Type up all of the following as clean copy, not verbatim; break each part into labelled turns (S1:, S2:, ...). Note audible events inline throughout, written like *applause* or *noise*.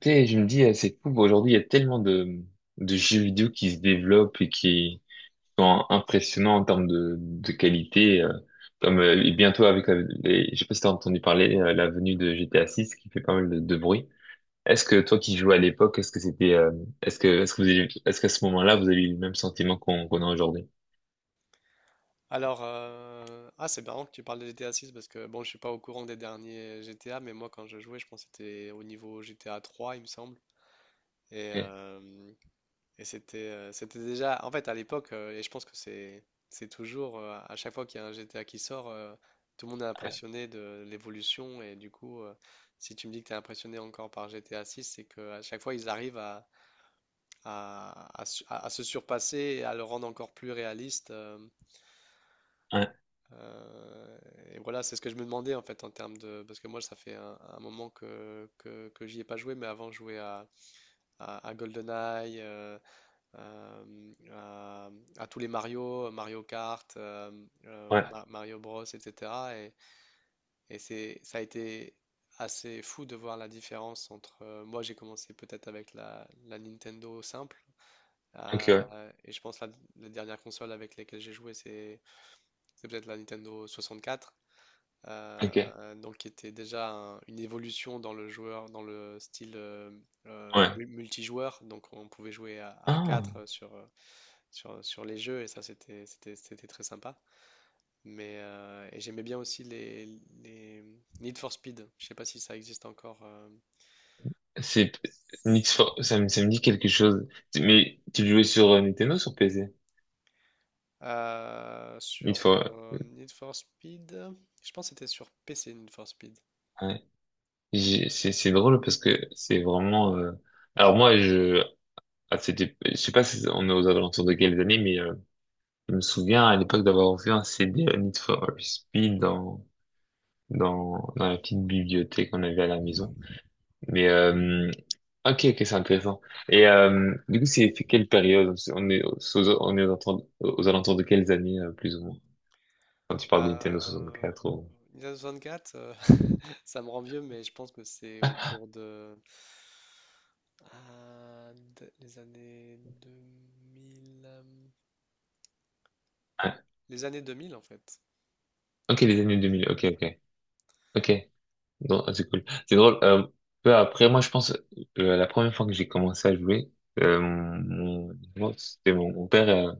S1: Tu sais, je me dis, c'est fou, aujourd'hui, il y a tellement de jeux vidéo qui se développent et qui sont impressionnants en termes de qualité. Comme Et bientôt avec, je sais pas si t'as entendu parler, la venue de GTA 6 qui fait pas mal de bruit. Est-ce que toi qui jouais à l'époque, est-ce que c'était, est-ce qu'à ce moment-là, vous avez eu le même sentiment qu'on a aujourd'hui?
S2: Alors, c'est marrant que tu parles de GTA 6 parce que bon, je suis pas au courant des derniers GTA, mais moi quand je jouais, je pense que c'était au niveau GTA 3, il me semble. Et,
S1: Ok.
S2: euh, et c'était c'était déjà, en fait, à l'époque, et je pense que c'est toujours, à chaque fois qu'il y a un GTA qui sort, tout le monde est impressionné de l'évolution. Et du coup, si tu me dis que tu es impressionné encore par GTA 6, c'est que à chaque fois, ils arrivent à se surpasser et à le rendre encore plus réaliste.
S1: Ouais,
S2: Euh, et voilà, c'est ce que je me demandais en fait en termes de... Parce que moi, ça fait un moment que j'y ai pas joué, mais avant, je jouais à GoldenEye, euh, à, à tous les Mario, Mario Kart,
S1: ouais,
S2: Mario Bros, etc. Ça a été assez fou de voir la différence entre... moi, j'ai commencé peut-être avec la Nintendo simple.
S1: ok, ouais,
S2: Et je pense la dernière console avec laquelle j'ai joué, c'est peut-être la Nintendo 64.
S1: ok,
S2: Donc qui était déjà une évolution dans le joueur, dans le style
S1: ouais.
S2: multijoueur. Donc on pouvait jouer à
S1: Ah.
S2: 4 sur, sur les jeux et ça c'était très sympa. Mais et j'aimais bien aussi les Need for Speed. Je sais pas si ça existe encore.
S1: C'est Need for… ça me dit quelque chose. Mais tu le jouais sur Nintendo ou sur PC? Need
S2: Sur
S1: for…
S2: Need for Speed, je pense que c'était sur PC Need for Speed.
S1: ouais. C'est drôle parce que c'est vraiment. Alors moi je C'était, je sais pas si on est aux alentours de quelles années mais je me souviens à l'époque d'avoir vu un CD à Need for Speed dans dans la petite bibliothèque qu'on avait à la maison. Mais ok, ok, c'est intéressant. Et du coup c'est quelle période? On est on est aux alentours de quelles années plus ou moins? Quand tu parles de Nintendo
S2: Euh,
S1: 64 ou…
S2: Nintendo 64, ça me rend vieux, mais je pense que c'est autour de les années 2000.
S1: Ouais.
S2: Les années 2000, en fait.
S1: Ok, les années deux
S2: Les années
S1: mille, ok,
S2: 2000, ouais.
S1: ok. Ok, non, ah, c'est cool. C'est drôle. Peu après, moi, je pense, la première fois que j'ai commencé à jouer, euh, mon, moi, c'était mon père,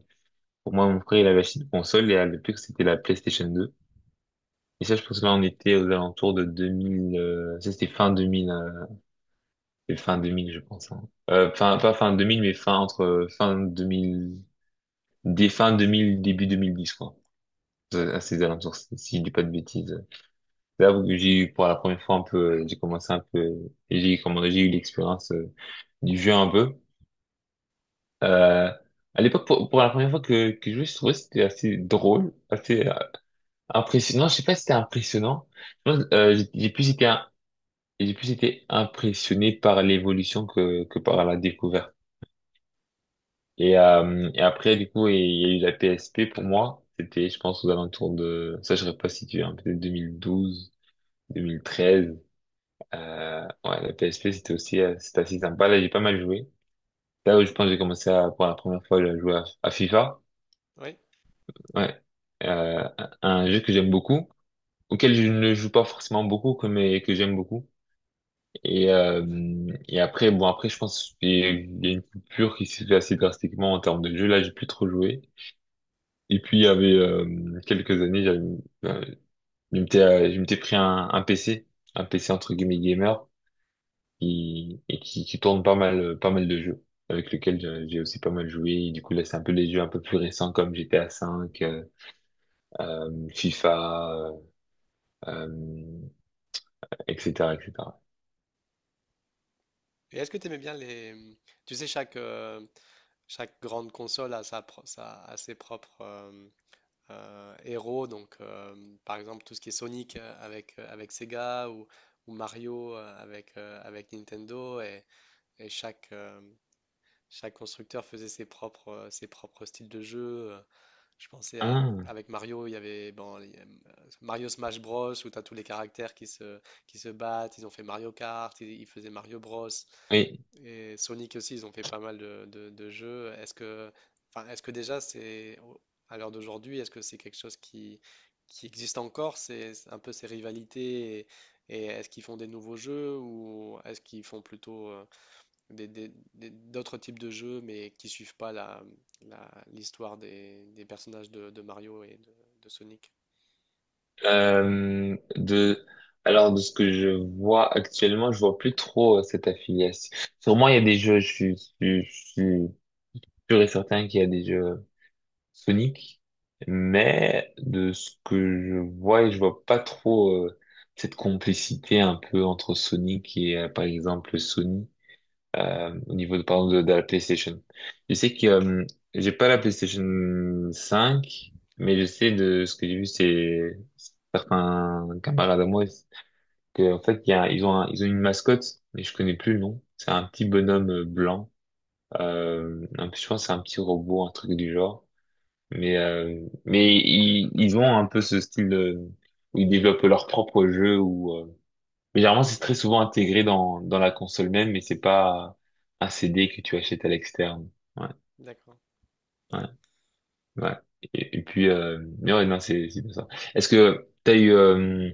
S1: pour moi, mon frère, il avait acheté une console et à l'époque, c'était la PlayStation 2. Et ça, je pense que là, on était aux alentours de 2000, ça, c'était fin 2000, c'était fin 2000, je pense, hein. Fin, pas fin 2000, mais fin entre fin 2000, dès fin 2000, début 2010, quoi. À
S2: D'accord.
S1: ces alentours, si je dis pas de bêtises. C'est là où j'ai eu pour la première fois un peu, j'ai eu l'expérience du jeu un peu. Euh, à l'époque, pour la première fois que je jouais, je trouvais que c'était assez drôle, assez impressionnant. Je sais pas si c'était impressionnant. Je pense, j'ai plus été impressionné par l'évolution que par la découverte. Et après, du coup, il y a eu la PSP pour moi. C'était, je pense, aux alentours de ça, je serais pas situé, hein, peut-être 2012, 2013. Ouais, la PSP, c'était aussi c'était assez sympa. Là, j'ai pas mal joué. Là où je pense que j'ai commencé à, pour la première fois à à FIFA.
S2: Oui.
S1: Ouais. Un jeu que j'aime beaucoup, auquel je ne joue pas forcément beaucoup, mais que j'aime beaucoup. Et, euh, et après, bon, après, je pense qu'il y a une coupure qui s'est fait assez drastiquement en termes de jeu. Là, j'ai plus trop joué. Et puis, il y avait quelques années, j'avais, euh, je m'étais pris un PC, un PC entre guillemets gamer, qui tourne pas mal, pas mal de jeux avec lequel j'ai aussi pas mal joué. Et du coup, là, c'est un peu les jeux un peu plus récents comme GTA V, FIFA, euh, etc., etc.
S2: Et est-ce que tu aimais bien les... Tu sais, chaque, chaque grande console a a ses propres héros. Donc, par exemple, tout ce qui est Sonic avec, avec Sega, ou Mario avec, avec Nintendo. Et chaque, chaque constructeur faisait ses propres styles de jeu. Je pensais à,
S1: Ah,
S2: avec Mario, il y avait bon, Mario Smash Bros, où tu as tous les caractères qui se battent. Ils ont fait Mario Kart, ils faisaient Mario Bros.
S1: oui.
S2: Et Sonic aussi, ils ont fait pas mal de jeux. Est-ce que déjà, à l'heure d'aujourd'hui, est-ce que c'est quelque chose qui existe encore? C'est un peu ces rivalités et est-ce qu'ils font des nouveaux jeux ou est-ce qu'ils font plutôt d'autres types de jeux, mais qui suivent pas l'histoire des personnages de Mario et de Sonic.
S1: Euh, de, de ce que je vois actuellement, je vois plus trop cette affiliation. Sûrement, il y a des jeux, je suis sûr et certain qu'il y a des jeux Sonic, mais de ce que je vois, et je vois pas trop cette complicité un peu entre Sonic et par exemple Sony, au niveau par exemple, de la PlayStation. Je sais que j'ai pas la PlayStation cinq, mais je sais de ce que j'ai vu, c'est certains camarades à moi que en fait ils ont ils ont une mascotte, mais je connais plus le nom. C'est un petit bonhomme blanc. Je pense que c'est un petit robot, un truc du genre. Mais ils ont un peu ce style où ils développent leur propre jeu. Mais généralement, c'est très souvent intégré dans, dans la console même, mais c'est pas un CD que tu achètes à l'externe. Ouais,
S2: D'accord.
S1: ouais, ouais. Et puis, mais ouais, non, c'est bien ça. Est-ce que t'as eu…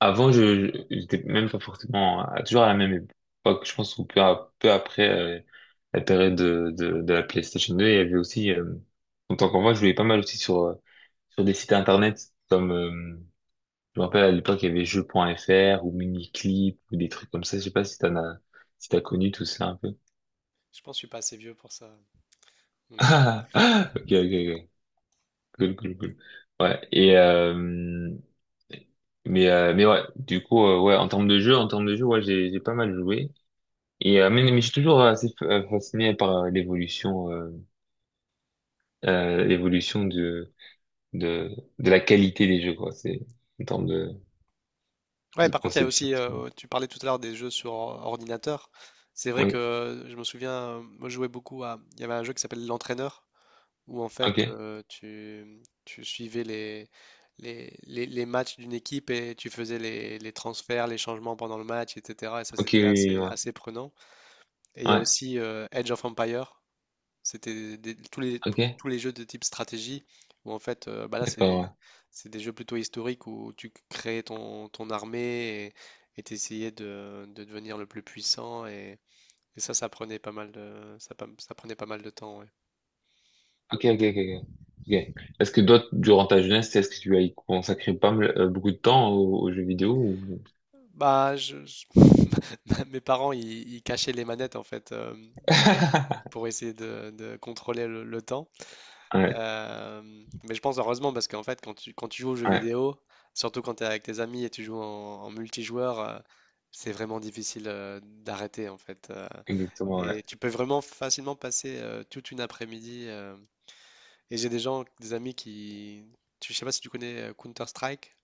S1: Avant, j'étais même pas forcément toujours à la même époque. Je pense qu'un peu, peu après la période de la PlayStation 2, il y avait aussi, en tant qu'enfant, je jouais pas mal aussi sur, sur des sites internet comme, je me rappelle à l'époque, il y avait jeux.fr ou Miniclip ou des trucs comme ça. Je sais pas si si t'as connu tout ça un peu.
S2: Je pense que je suis pas assez vieux pour ça,
S1: *laughs*
S2: mon ami.
S1: Ah, ah, ok, ok, ok. Cool, cool, cool. Ouais. Et, mais ouais, du coup, ouais, en termes de jeu, en termes de jeu, ouais, j'ai pas mal joué. Et mais je suis toujours fasciné par l'évolution de la qualité des jeux, quoi. C'est en termes
S2: Ouais,
S1: de
S2: par contre, il y a
S1: conception.
S2: aussi,
S1: C'est bon.
S2: tu parlais tout à l'heure des jeux sur ordinateur. C'est vrai que
S1: Oui.
S2: je me souviens, moi je jouais beaucoup à, il y avait un jeu qui s'appelle L'Entraîneur, où en fait
S1: Ok.
S2: tu suivais les matchs d'une équipe et tu faisais les transferts, les changements pendant le match, etc. Et ça
S1: Ok.
S2: c'était
S1: Oui, oui,
S2: assez,
S1: ouais.
S2: assez prenant. Et il y a
S1: Ouais.
S2: aussi Age of Empire. C'était tous
S1: Ok.
S2: tous les jeux de type stratégie où en fait, bah là, c'est
S1: D'accord. Ouais.
S2: c'est des jeux plutôt historiques où tu créais ton armée et tu essayais de devenir le plus puissant. Et ça, ça prenait pas mal ça prenait pas mal de temps. Ouais.
S1: Ok. Ok. Ok. Ok. Ok. Est-ce que toi, durant ta jeunesse, est-ce que tu as y consacré pas mal, beaucoup de temps aux, aux jeux vidéo ou…
S2: Bah, *laughs* mes parents, ils cachaient les manettes en fait euh,
S1: *laughs*
S2: pour essayer de contrôler le temps.
S1: Ouais.
S2: Euh, mais je pense heureusement parce qu'en fait, quand tu joues aux jeux
S1: Ouais.
S2: vidéo, surtout quand tu es avec tes amis et tu joues en multijoueur, c'est vraiment difficile d'arrêter en fait.
S1: Exactement. Ouais.
S2: Et tu peux vraiment facilement passer toute une après-midi. Et j'ai des gens, des amis je sais pas si tu connais Counter-Strike,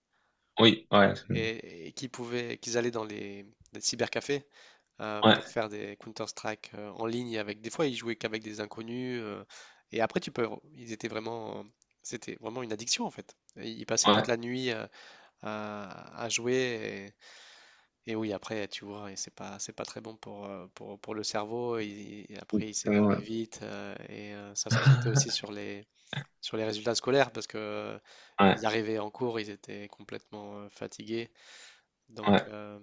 S1: Oui. Ouais, absolument.
S2: et qui pouvaient, qu'ils allaient dans les cybercafés pour
S1: Ouais.
S2: faire des Counter-Strike en ligne, avec des fois ils jouaient qu'avec des inconnus et après tu peux ils étaient vraiment c'était vraiment une addiction en fait. Et ils passaient toute
S1: Ouais,
S2: la nuit à jouer et oui après tu vois, et c'est pas très bon pour pour le cerveau, et après ils
S1: absolument,
S2: s'énervaient
S1: ouais.
S2: vite ça se ressentait aussi
S1: *laughs*
S2: sur les résultats scolaires parce que
S1: Ouais.
S2: ils arrivaient en cours, ils étaient complètement fatigués,
S1: Ouais.
S2: donc euh,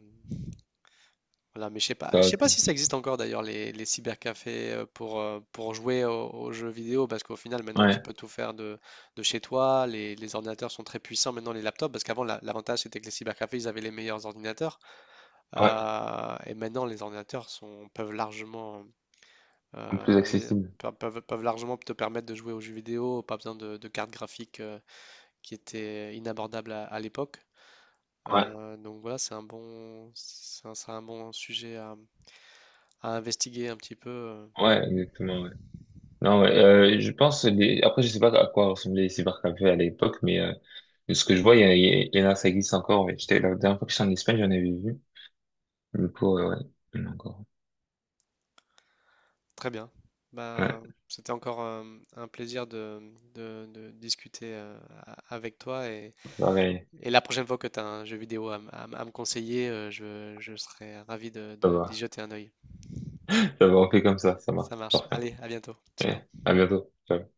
S2: voilà. Mais je sais pas
S1: Ouais.
S2: si ça existe encore d'ailleurs, les cybercafés, pour jouer jeux vidéo, parce qu'au final maintenant tu
S1: Ouais.
S2: peux tout faire de chez toi. Les ordinateurs sont très puissants maintenant, les laptops, parce qu'avant l'avantage c'était que les cybercafés ils avaient les meilleurs ordinateurs,
S1: Ouais.
S2: et maintenant les ordinateurs sont, peuvent largement
S1: Plus
S2: euh, les-
S1: accessible.
S2: peuvent largement te permettre de jouer aux jeux vidéo, pas besoin de cartes graphiques qui étaient inabordables à l'époque.
S1: Ouais,
S2: Donc voilà, c'est un bon sujet à investiguer un petit peu.
S1: ouais, exactement, ouais. Non, ouais, je pense, les… après, je sais pas à quoi ressemblaient les cybercafés à l'époque, mais de ce que je vois, il y en a, ça existe encore, ouais. J'étais, la dernière fois que j'étais en Espagne, j'en avais vu. Du coup, ouais, il y en a encore.
S2: Très bien.
S1: Ouais,
S2: Bah, c'était encore un plaisir de discuter avec toi,
S1: pareil,
S2: et la prochaine fois que tu as un jeu vidéo à me conseiller, je serai ravi
S1: ça
S2: d'y
S1: va.
S2: jeter un œil.
S1: *laughs* Ça va, on fait comme ça marche.
S2: Ça marche.
S1: Parfait.
S2: Allez, à bientôt. Ciao.
S1: Ouais, à bientôt. Ciao.